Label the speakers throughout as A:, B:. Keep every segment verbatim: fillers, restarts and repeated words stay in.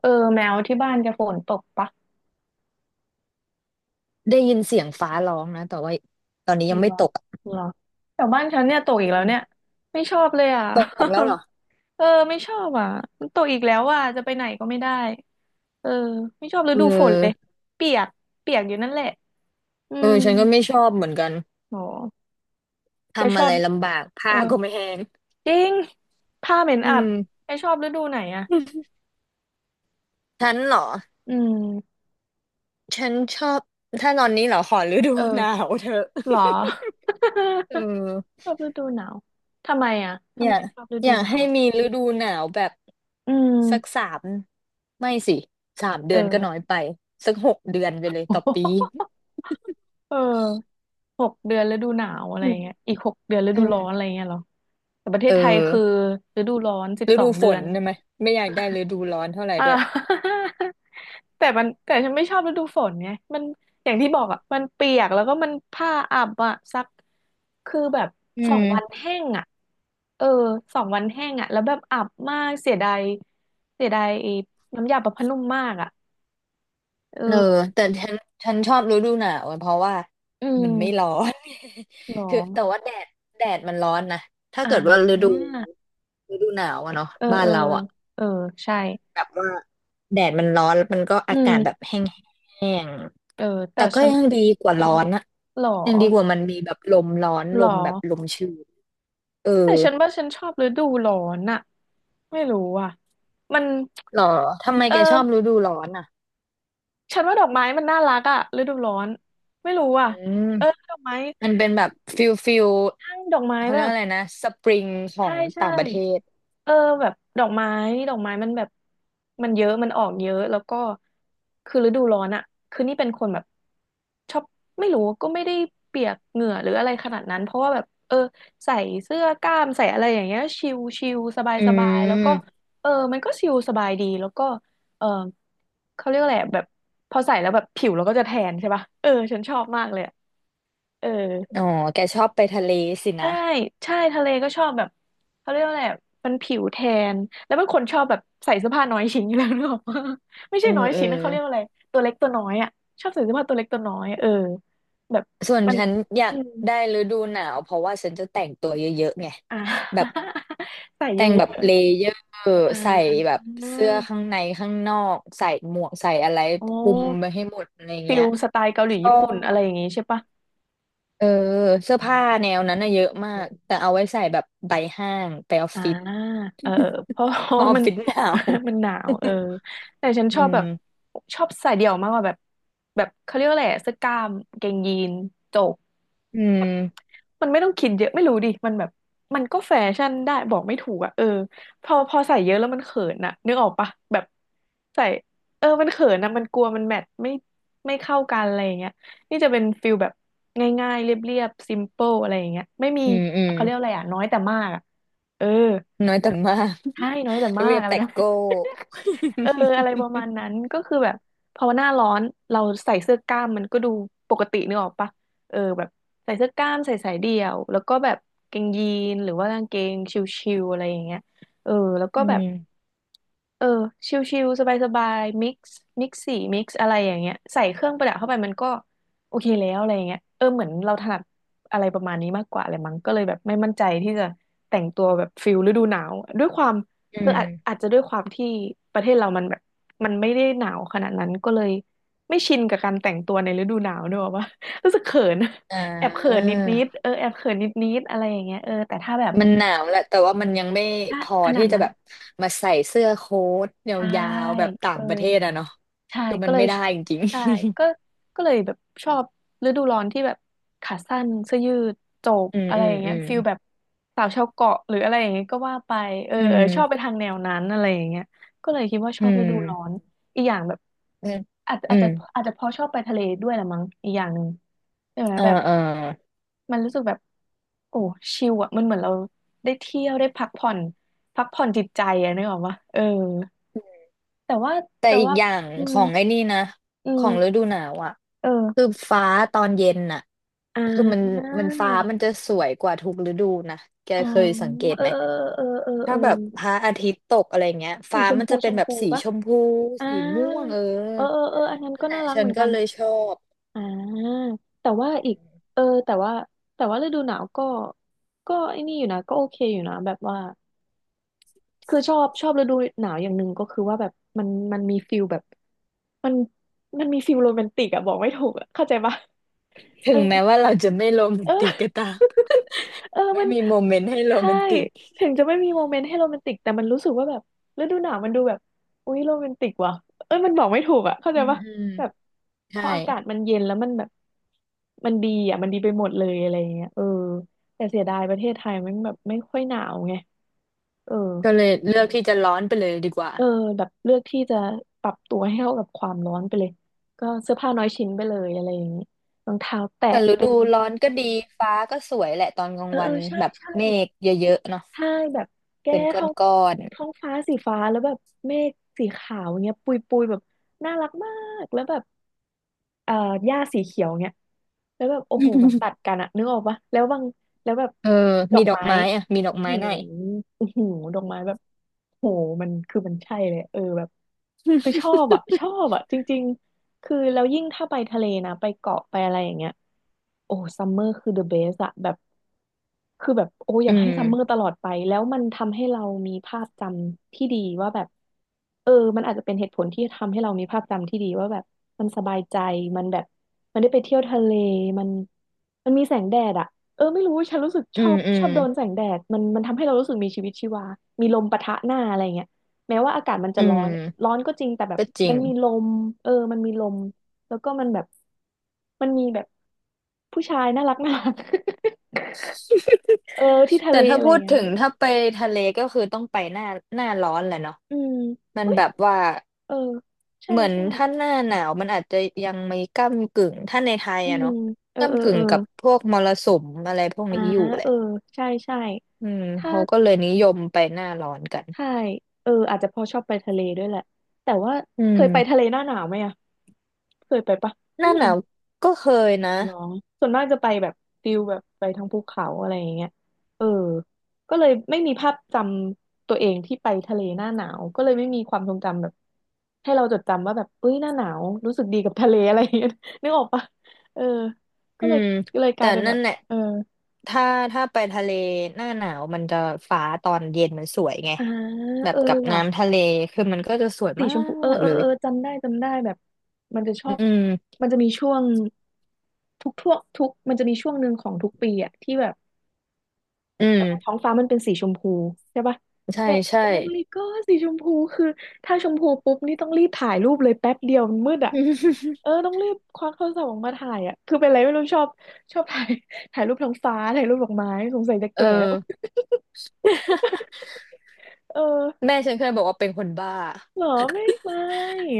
A: เออแมวที่บ้านจะฝนตกปะ
B: ได้ยินเสียงฟ้าร้องนะแต่ว่าตอนนี้ยัง
A: เห
B: ไม่
A: รอ
B: ตกอะ
A: เหรอแต่บ้านฉันเนี่ยตกอีกแล้
B: อื
A: วเนี่ย
B: ม
A: ไม่ชอบเลยอ่ะ
B: ตกแล้วเหรอ
A: เออไม่ชอบอ่ะมันตกอีกแล้วอ่ะจะไปไหนก็ไม่ได้เออไม่ชอบฤ
B: เอ
A: ดูฝนเลย
B: อ
A: เปียกเปียกอยู่นั่นแหละอื
B: เอ
A: ม
B: อฉันก็ไม่ชอบเหมือนกัน
A: โหแก
B: ทำ
A: ช
B: อะ
A: อ
B: ไร
A: บ
B: ลำบาก
A: เอ
B: ผ้า
A: อ
B: ก็ไม่แห้ง
A: จริงผ้าเหม็น
B: อื
A: อับ
B: ม
A: แกชอบฤดูไหนอ่ะ
B: ฉันเหรอ
A: อืม
B: ฉันชอบถ้านอนนี้เหรอขอฤดู
A: เอ
B: หนา
A: อ
B: วเถอะ
A: เหรอ
B: เออ
A: ชอบฤดูหนาวทำไมอ่ะ
B: อ
A: ทำ
B: ยา
A: ไม
B: ก
A: ชอบฤ
B: อ
A: ดู
B: ยา
A: ห
B: ก
A: นาว
B: ให้
A: อะ
B: มีฤดูหนาวแบบ
A: อื
B: สัก
A: ม
B: สามไม่สิสามเดื
A: เอ
B: อนก็
A: อ
B: น้อยไปสักหกเดือนไปเลยต่อปี
A: เออ หกเดือนฤดูหนาวอะไร
B: อืม
A: เงี้ยอีกหกเดือนฤ
B: อื
A: ดู
B: ม
A: ร้อนอะไรเงี้ยเหรอแต่ประเท
B: เอ
A: ศ
B: อ
A: ไทยคือฤดูร้อนสิบ
B: ฤ
A: สอ
B: ดู
A: ง
B: ฝ
A: เดือ
B: น
A: น
B: ใช่ได้ไหมไม่อยากได้ฤดูร้อนเท่าไหร่
A: อ่า
B: ด้วย
A: แต่มันแต่ฉันไม่ชอบฤดูฝนไงมันอย่างที่บอกอ่ะมันเปียกแล้วก็มันผ้าอับอ่ะซัก คือแบบ
B: อื
A: สองวัน
B: ม
A: แห้งอ่ะเออสองวันแห้งอ่ะแล้วแบบอับมากเสียดายเสียดายไอ้น้ำยาประพผ้านุ่มมากอ่ะ เอ
B: เออ
A: อ
B: แต่ฉันฉันชอบฤดูหนาวอะเพราะว่า
A: อื
B: มันไม่ร้
A: ม
B: อน
A: หร อ
B: คือแต่ว่าแดดแดดมันร้อนนะถ้า
A: อ่
B: เกิดว่าฤดู
A: า
B: ฤดูหนาวอะเนาะ
A: เออ
B: บ้า
A: เอ
B: น
A: อ
B: เราอะ
A: เออใช่
B: แบบว่าแดดมันร้อนแล้วมันก็
A: อื
B: อากาศแบบ
A: ม
B: แห้งแห้ง
A: เออแต่
B: แต่ก็
A: ฉัน
B: ยังดีกว่าร้อนอะ
A: หรอ
B: ยังดีกว่ามันมีแบบลมร้อน
A: หร
B: ล
A: อ
B: มแบบลมชื้นเออ
A: แต่ฉันว่าฉันชอบฤดูร้อนอะไม่รู้อ่ะมัน
B: หรอทำไม
A: เอ
B: แกช
A: อ
B: อบฤดูร้อนอะ
A: ฉันว่าดอกไม้มันน่ารักอะฤดูร้อนไม่รู้อ่ะ
B: อืม
A: เออดอกไม้
B: มันเป็นแบบฟิลฟิล
A: ทั้งดอกไม้
B: เขา
A: แบ
B: เรียก
A: บ
B: ว่าอะไรนะสปริงขอ
A: ใช่
B: ง
A: ใช่
B: ต่างประเทศ
A: เออแบบดอกไม้ดอกไม้มันแบบมันเยอะมันออกเยอะแล้วก็คือฤดูร้อนอะคือนี่เป็นคนแบบชอบไม่รู้ก็ไม่ได้เปียกเหงื่อหรืออะไรขนาดนั้นเพราะว่าแบบเออใส่เสื้อกล้ามใส่อะไรอย่างเงี้ยชิลชิลสบาย
B: อื
A: สบายแล้วก็
B: ม
A: เออมันก็ชิลสบายดีแล้วก็เออเขาเรียกอะไรอะแบบพอใส่แล้วแบบผิวเราก็จะแทนใช่ป่ะเออฉันชอบมากเลยอะเออ
B: อ๋อ แกชอบไปทะเลสิ
A: ใช่
B: นะ
A: ใช่ทะเลก็ชอบแบบเขาเรียกว่าอะไรอะมันผิวแทน แล้วเป็นคนชอบแบบใส่เสื้อผ้าน้อยชิ้นอยู่แล้ว นึกออกปะไม่
B: เอ
A: ใช่
B: อ
A: น้อย
B: เออ
A: ชิ้นนะเขาเรียกว่าอะไรตัวเล็กตัวน้อยอ่ะชอบใส่เสื้อผ้าตัวเล็กตัวน้อยเออแบบ
B: ส่วน
A: มัน
B: ฉันอยา
A: อื
B: ก
A: ม
B: ได้ฤดูหนาวเพราะว่าฉันจะแต่งตัวเยอะๆไง
A: อ่า
B: แบบ
A: ใส่เย
B: แต่
A: อะ
B: งแบบเลเยอร์
A: ๆอ่า
B: ใส่แบบเสื้อข้างในข้างนอกใส่หมวกใส่อะไร
A: โอ
B: คลุมไป
A: ้
B: ให้หมดอะไร
A: ฟิ
B: เงี้
A: ล
B: ย
A: สไตล์เกาหลี
B: ชอ
A: ญี่ปุ่นอะไร
B: บ
A: อย่างงี้ใช่ปะ
B: เออเสื้อผ้าแนวนั้นน่ะเยอะมากแต่เอาไว้ใส่แบบไปห้างไปออฟ
A: อ่า
B: ฟิศ
A: เออเพราะ เพ
B: เพ
A: ราะ
B: ราะ
A: ว่า
B: ออฟ
A: มัน
B: ฟิศหนาว
A: มันหนาวเออแต่ฉัน
B: อื
A: ชอบแบบ
B: ม
A: ชอบใส่เดี่ยวมากกว่าแบบแบบเขาเรียกว่าอะไรอะเสื้อกล้ามกางเกงยีนโจก
B: อืม
A: มันไม่ต้องคิดเยอะไม่รู้ดิมันแบบมันก็แฟชั่นได้บอกไม่ถูกอะเออพอพอใส่เยอะแล้วมันเขินอะนึกออกปะแบบใส่เออมันเขินอะมันกลัวมันแมทไม่ไม่เข้ากันอะไรอย่างเงี้ยนี่จะเป็นฟิลแบบง่ายๆเรียบๆซิมเปิลอะไรอย่างเงี้ยไม่มี
B: อืมอืม
A: เขาเรียกอะไรอะน้อยแต่มากอะ เออ
B: น้อย
A: แบ
B: แต่
A: บ
B: มาก
A: ใช่น้อยแต่มา
B: เรี
A: ก
B: ยบ
A: อะไร
B: แต่
A: กัน
B: โก้
A: เอออะไรป ระมาณนั้นก็คือแบบพอหน้าร้อนเราใส่เสื้อกล้ามมันก็ดูปกตินึกออกปะเออแบบใส่เสื้อกล้ามใส่สายเดี่ยวแล้วก็แบบกางเกงยีนหรือว่ากางเกงชิวๆอะไรอย่างเงี้ยเออแล้วก็
B: อื
A: แบบ
B: ม
A: เออชิวๆสบายๆมิกซ์มิกซ์สีมิกซ์อะไรอย่างเงี้ยใส่เครื่องประดับเข้าไปมันก็โอเคแล้วอะไรอย่างเงี้ยเออเหมือนเราถนัดอะไรประมาณนี้มากกว่าอะไรมั้งก็เลยแบบไม่มั่นใจที่จะแต่งตัวแบบฟิลฤดูหนาวด้วยความ
B: อื
A: เออ
B: ม
A: อาจอาจจะด้วยความที่ประเทศเรามันแบบมันไม่ได้หนาวขนาดนั้น ก็เลยไม่ชินกับการแต่งตัวในฤดูหนาวด้วยว่า รู้สึกเขิน
B: อ่
A: แอบเขิน
B: า
A: นิดนิดเออแอบเขินนิดนิดอะไรอย่างเงี้ยเออแต่ถ้าแบบ
B: มันหนาวแหละแต่ว่ามันยังไม่
A: ถ้า
B: พอ
A: ขนา
B: ที่
A: ด
B: จะ
A: นั้น
B: แบบมาใส่เสื้อโค้ทย
A: ใช่
B: าวๆแบบต่า
A: เออ
B: งประเทศอะเนาะ
A: ใช่
B: คือ
A: ก็
B: มัน
A: เลย
B: ไม่ได้จริง
A: ใช่ก็
B: ๆ
A: ก็เลยแบบชอบฤดูร้อนที่แบบขาสั้นเสื้อยืดโจก
B: อืม
A: อะไร
B: อื
A: อ
B: ม
A: ย่างเงี้
B: อื
A: ย
B: ม
A: ฟิลแบบสาวชาวเกาะหรืออะไรอย่างเงี้ยก็ว่าไปเออ
B: อื
A: เออชอบไป
B: ม
A: ทางแนวนั้นอะไรอย่างเงี้ยก็เลยคิดว่าช
B: อื
A: อบฤดูร้อน
B: ม
A: อีกอย่างแบบ
B: อืม
A: อาจจะ
B: อื
A: อาจจะ
B: ม
A: อาจจะเพอชอบไปทะเลด้วยละมั้งอีกอย่างหนึ่งใช่ไหม
B: เออ
A: แบบ
B: เออ
A: มันรู้สึกแบบโอ้ชิลอะมันเหมือนเราได้เที่ยวได้พักผ่อนพักผ่อนจิตใจอะนึกออกปะเออแต่ว่า
B: แต่
A: แต่
B: อีก
A: ว่า
B: อย่าง
A: อื
B: ข
A: ม
B: องไอ้นี่นะ
A: อื
B: ของฤดู
A: ม
B: หนาวอ่ะคื
A: เออ
B: อฟ้าตอนเย็นน่ะ
A: อ่
B: คือมัน
A: า
B: มันฟ้ามันจะสวยกว่าทุกฤดูนะแก
A: อ๋อ
B: เคยสังเกต
A: เออ
B: ไหม
A: เออเออเออเอ
B: ถ้า
A: อ
B: แบบพระอาทิตย์ตกอะไรเงี้ย
A: สี
B: ฟ้า
A: ชม
B: มัน
A: พู
B: จะ
A: ช
B: เป็น
A: ม
B: แบบ
A: พู
B: สี
A: ปะ
B: ชมพู
A: อ่า
B: สีม่วงเออ
A: เออเออเอออันนั้น
B: นั่น
A: ก็
B: แห
A: น่า
B: ละ
A: รัก
B: ฉั
A: เห
B: น
A: มือน
B: ก็
A: กัน
B: เลยชอบ
A: อ่าแต่ว่าอีกเออแต่ว่าแต่ว่าฤดูหนาวก็ก็ไอ้นี่อยู่นะก็โอเคอยู่นะแบบว่าคือชอบชอบฤดูหนาวอย่างหนึ่งก็คือว่าแบบมันมันมีฟิลแบบมันมันมีฟิลโรแมนติกอะ บอกไม่ถูกอะเข้าใจปะ
B: ถึงแม้ ว่าเราจะไม่โรแม
A: เอ
B: น
A: อ
B: ติกก็ตาม
A: เออ
B: ไม่
A: มัน
B: มีโมเมนต์ให้โร
A: ใช่
B: แมนติก
A: ถึงจะไม่มีโมเมนต์ให้โรแมนติกแต่มันรู้สึกว่าแบบฤดูหนาวมันดูแบบอุ๊ยโรแมนติกว่ะเอ้ยมันบอกไม่ถูกอ่ะเข้าใจ
B: อืม
A: ปะ
B: อืม
A: แบบพ
B: ใช่
A: ออากาศมันเย็นแล้วมันแบบมันดีอ่ะมันดีไปหมดเลยอะไรอย่างเงี้ยเออแต่เสียดายประเทศไทยมันแบบไม่ค่อยหนาวไงเออ
B: ก็เลยเลือกที่จะร้อนไปเลยดีกว่า
A: เออแบบเลือกที่จะปรับตัวให้เข้ากับความร้อนไปเลยก็เสื้อผ้าน้อยชิ้นไปเลยอะไรอย่างงี้รองเท้าแตะ
B: แต่ฤ
A: เป็
B: ดู
A: น
B: ร้อน
A: เอ
B: ก็
A: อ
B: ดีฟ้าก็สวยแหละตอนกลา
A: เอ
B: ง
A: อ
B: วั
A: เอ
B: น
A: อใช่
B: แบบ
A: ใช่
B: เมฆเยอะๆเนาะ
A: ใช่แบบแก้
B: เป็น
A: ท้อง
B: ก้อน
A: ท้องฟ้าสีฟ้าแล้วแบบเมฆสีขาวเงี้ยปุยปุยแบบน่ารักมากแล้วแบบเอ่อหญ้าสีเขียวเงี้ยแล้วแบบโอ้โหมัน
B: ๆ
A: ตัดกันอะนึกออกปะแล้วบางแล้วแบบ
B: เออ
A: ดอ
B: มี
A: ก
B: ดอก
A: ไม้
B: ไม้อ่ะมีดอกไม้
A: โอ้โห
B: หน่อย
A: โอ้โหดอกไม้แบบโหมันคือมันใช่เลยเออแบบคือช อบอะชอบอะจริงๆคือแล้วยิ่งถ้าไปทะเลนะไปเกาะไปอะไรอย่างเงี้ยโอ้ซัมเมอร์คือ the best อะแบบ คือแบบโอ้อ
B: อื
A: ยากให้
B: ม
A: ซัมเมอร์ตลอดไปแล้วมันทำให้เรามีภาพจำที่ดีว่าแบบเออมันอาจจะเป็นเหตุผลที่ทำให้เรามีภาพจำที่ดีว่าแบบมันสบายใจมันแบบมันได้ไปเที่ยวทะเลมันมันมีแสงแดดอะเออไม่รู้ฉันรู้สึกช
B: อื
A: อ
B: ม
A: บ
B: อื
A: ชอ
B: ม
A: บโดนแสงแดดมันมันทำให้เรารู้สึกมีชีวิตชีวามีลมปะทะหน้าอะไรเงี้ยแม้ว่าอากาศมันจะ
B: อื
A: ร้อน
B: ม
A: ร้อนก็จริงแต่แบบ
B: ก็จริ
A: มั
B: ง
A: นมีลมเออมันมีลมแล้วก็มันแบบมันมีแบบผู้ชายน่ารักน่ารัก เออที่ทะ
B: แต่
A: เล
B: ถ้า
A: อะไร
B: พู
A: อย่า
B: ด
A: งเงี้ย
B: ถึ
A: น่
B: ง
A: ยออ
B: ถ้าไปทะเลก็คือต้องไปหน้าหน้าร้อนแห
A: ก
B: ละเนาะ
A: อืม
B: มัน
A: เอ้ย
B: แบบว่า
A: เออใช่
B: เหมือน
A: ใช่
B: ถ้าหน้าหนาวมันอาจจะยังไม่ก้ำกึ่งถ้าในไทย
A: อื
B: อะ
A: ม
B: เนาะ
A: เออเออ
B: ก้ำกึ่
A: เอ
B: ง
A: อ
B: กับพวกมรสุมอะไรพวก
A: อ่า
B: นี้อยู่แห
A: เอ
B: ละ
A: อใช่ใช่
B: อืม
A: ถ้า
B: เขาก็เลยนิยมไปหน้าร้อนกัน
A: ใช่เอออาจจะเพอชอบไปทะเลด้วยแหละ แต่ว่า
B: อื
A: เคยไปทะ
B: ม
A: เลหน้าหนาวไหมอ่ะเคยไปปะ
B: ห
A: นี่
B: น้าห
A: ยัง
B: นาวก็เคยนะ
A: หรอส่วนมากจะไปแบบฟิลแบบไปทางภูเขาอะไรอย่างเงี้ยเออก็เลยไม่มีภาพจำตัวเองที่ไปทะเลหน้าหนาวก็เลยไม่มีความทรงจำแบบให้เราจดจำว่าแบบเอ้ยหน้าหนาวรู้สึกดีกับทะเล อะไรอย่างเงี้ย นึกออกปะเออก็
B: อื
A: เลย
B: ม
A: ก็เลยก
B: แต่
A: ลายเป็นแบ
B: นั่น
A: บ
B: แหละ
A: เออ
B: ถ้าถ้าไปทะเลหน้าหนาวมันจะฟ้าตอนเย็นมันสวยไง
A: อ่า
B: แบ
A: เอ
B: บ
A: อ
B: กับ
A: ว่ะ
B: น้ำทะเลคือมันก็จะสวย
A: สี
B: มา
A: ชมพูเออ
B: ก
A: เอ
B: เล
A: อ
B: ย
A: เออจำได้จำได้แบบมันจะชอ
B: อื
A: บ
B: ม
A: มันจะมีช่วงทุกทั่วทุกมันจะมีช่วงหนึ่งของทุกปีอะที่แบบ
B: อืม
A: ท้องฟ้ามันเป็นสีชมพูใช่ปะ
B: ใช่
A: แบบ
B: ใช่
A: โอ้ my god สีชมพูคือถ้าชมพูปุ๊บนี่ต้องรีบถ่ายรูปเลยแป๊บเดียวมันมืดอ่ะ เออต้องรีบควักโทรศัพท์ออกมาถ่ายอ่ะคือเป็นอะไรไม่รู้ชอบชอบถ่าย ถ่ายรูปท้องฟ้าถ่ายรูปดอกไม้สงสัยจะ
B: เอ
A: แก่แล้ว
B: อ
A: เออ
B: แม่ฉันเคยบอกว่าเป็นคนบ้า
A: เหรอไม่ไม่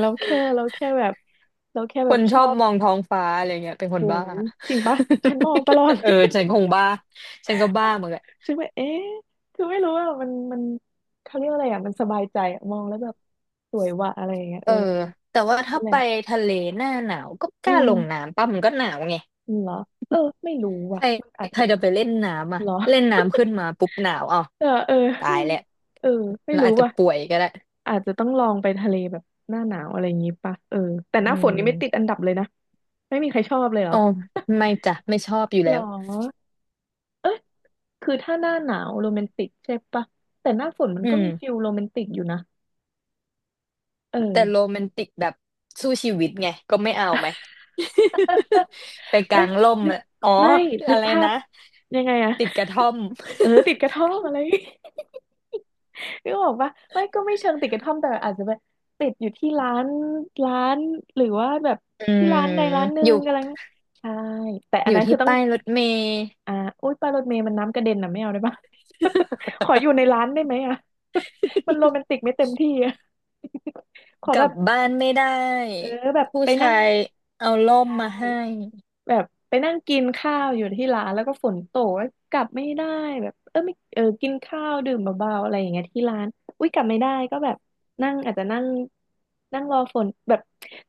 A: เราแค่เราแค่แบบเราแค่
B: ค
A: แบบ
B: น
A: ช
B: ชอ
A: อ
B: บ
A: บ
B: มองท้องฟ้าอะไรเงี้ยเป็นค
A: โห
B: นบ้า
A: จริงปะฉันมองตลอด
B: เออฉันคงบ้าฉันก็บ้าเหมือนกัน
A: ฉันแบบเอ๊ะคือไม่รู้ว่ามันมันเขาเรียกว่าอะไรอ่ะมันสบายใจอะมองแล้วแบบสวยว่ะอะไรอย่างเงี้ย
B: เอ
A: เอ
B: อ
A: อ
B: แต่ว่าถ้า
A: นั่นแห
B: ไป
A: ละ
B: ทะเลหน้าหนาวก็ก
A: อื
B: ล้าลง
A: ม
B: น้ำป่ะมันก็หนาวไง
A: เหรอเออไม่รู้
B: ใค
A: ว่ะ
B: ร
A: มันอาจ
B: ใค
A: จะ
B: รจะไปเล่นน้ำอ่ะ
A: เหรอ
B: เล่นน้ำ ขึ้นมาปุ๊บหนาวอ๋อ
A: เออเออ
B: ตา
A: ไม่
B: ยแล้ว
A: เออไม่
B: เรา
A: รู้
B: อาจจะ
A: ว่ะ
B: ป่วยก็ได้
A: อาจจะต้องลองไปทะเลแบบหน้าหนาวอะไรอย่างงี้ปะเออแต่
B: อื
A: หน้าฝนนี่ไม่ติด
B: ม
A: อันดับเลยนะ ไม่มีใครชอบเลยเหร
B: อ๋
A: อ
B: อไม่จ้ะไม่ชอบอยู่
A: หร
B: แล้
A: อ
B: ว
A: เอ๊ะคือถ้าหน้าหนาวโรแมนติกใช่ปะแต่หน้าฝนมัน
B: อื
A: ก็มีฟิ
B: ม
A: ลโรแมนติกอยู่นะเอ
B: แต่โร
A: อ
B: แมนติกแบบสู้ชีวิตไงก็ไม่เอาไหม ไป
A: เอ้
B: กา
A: ย
B: งร่ม
A: นึก
B: อะอ๋อ
A: ไม่นึ
B: อะ
A: ก
B: ไร
A: ภาพ
B: นะ
A: ยังไงอะ
B: ติดกระท่อม
A: เออติดกระท่อมอะไร นึกออกปะไม่ก็ไม่เชิงติดกระท่อมแต่อาจจะแบบติดอยู่ที่ร้านร้านหรือว่าแบบ
B: อื
A: ที่ร้านใด
B: ม
A: ร้านหนึ่
B: อ
A: ง
B: ยู่
A: อะไรเงี้ยใช่แต่อั
B: อ
A: น
B: ยู่
A: นั้นคื
B: ที่
A: อต้อง
B: ป้ายรถเมล์
A: อ่าอุ้ยปลารถเมล์มันน้ำกระเด็นนะไม่เอาได้ปะ ขออยู่ใน ร้านได้ไหมอะ มันโรแมนติกไม่เต็มที่อะ ขอ
B: ก
A: แบ
B: ลับ
A: บ
B: บ้านไม่ได
A: เออ
B: ้
A: แบบ
B: ผู้
A: ไปนั่ง
B: ชายเอาร่มมาให้
A: แบบไปนั่งกินข้าวอยู่ที่ร้านแล้วก็ฝนตกแล้วกลับไม่ได้แบบเออไม่เออกินข้าวดื่มเบาๆอะไรอย่างเงี้ยที่ร้านอุ้ยกลับไม่ได้ก็แบบนั่งอาจจะนั่งนั่งรอฝนแบบ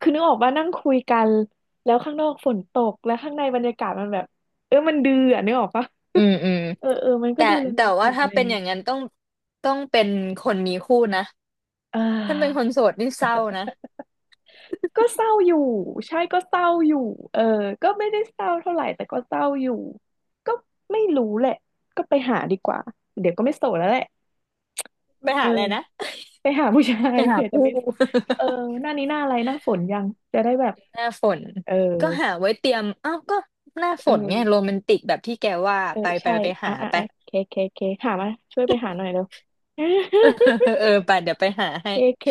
A: คือนึกออกว่านั่งคุยกันแล้วข้างนอกฝนตกแล้วข้างในบรรยากาศมันแบบเออมันดื้ออะนึกออกปะ
B: อืมอืม
A: เออเออมันก็
B: แต่
A: ดูโรแม
B: แต่
A: นติ
B: ว่า
A: กอะ
B: ถ้า
A: ไรอ
B: เป็
A: ย่า
B: น
A: ง
B: อ
A: เงี้ย
B: ย่างนั้นต้องต้องเป็นคนมีคู่นะ
A: อ่า
B: ถ้าเป็นคนโสดนี่เศร้านะ
A: ก็เศร้าอยู่ใช่ก็เศร้าอยู่เออก็ไม่ได้เศร้าเท่าไหร่แต่ก็เศร้าอยู่ก็ไม่รู้แหละก็ไปหาดีกว่าเดี๋ยวก็ไม่โสดแล้วแหละ
B: ไป
A: เอ
B: หา
A: อ
B: อะไรนะ
A: ไปหาผู้ชา
B: ไป
A: ย
B: หา
A: เผื่อจะ
B: ผู้
A: ไม่ เออหน้านี้หน้าอะไรหน้าฝนยังจะได้แบบ
B: หน้าฝน
A: เออ
B: ก็หาไว้เตรียมอ้าวก็หน้าฝ
A: เอ
B: นไงโร
A: อ
B: แมนติกแบบที่แกว่า
A: เออ
B: ไปไป
A: ใช่
B: ไป
A: อ่ะ
B: หา
A: อ่ะ
B: ไป
A: อ่ะเคเคเคหามาช่วยไปหาหน่อยเร็ว
B: เออ เออไปเดี๋ยวไปหาให้
A: เคเค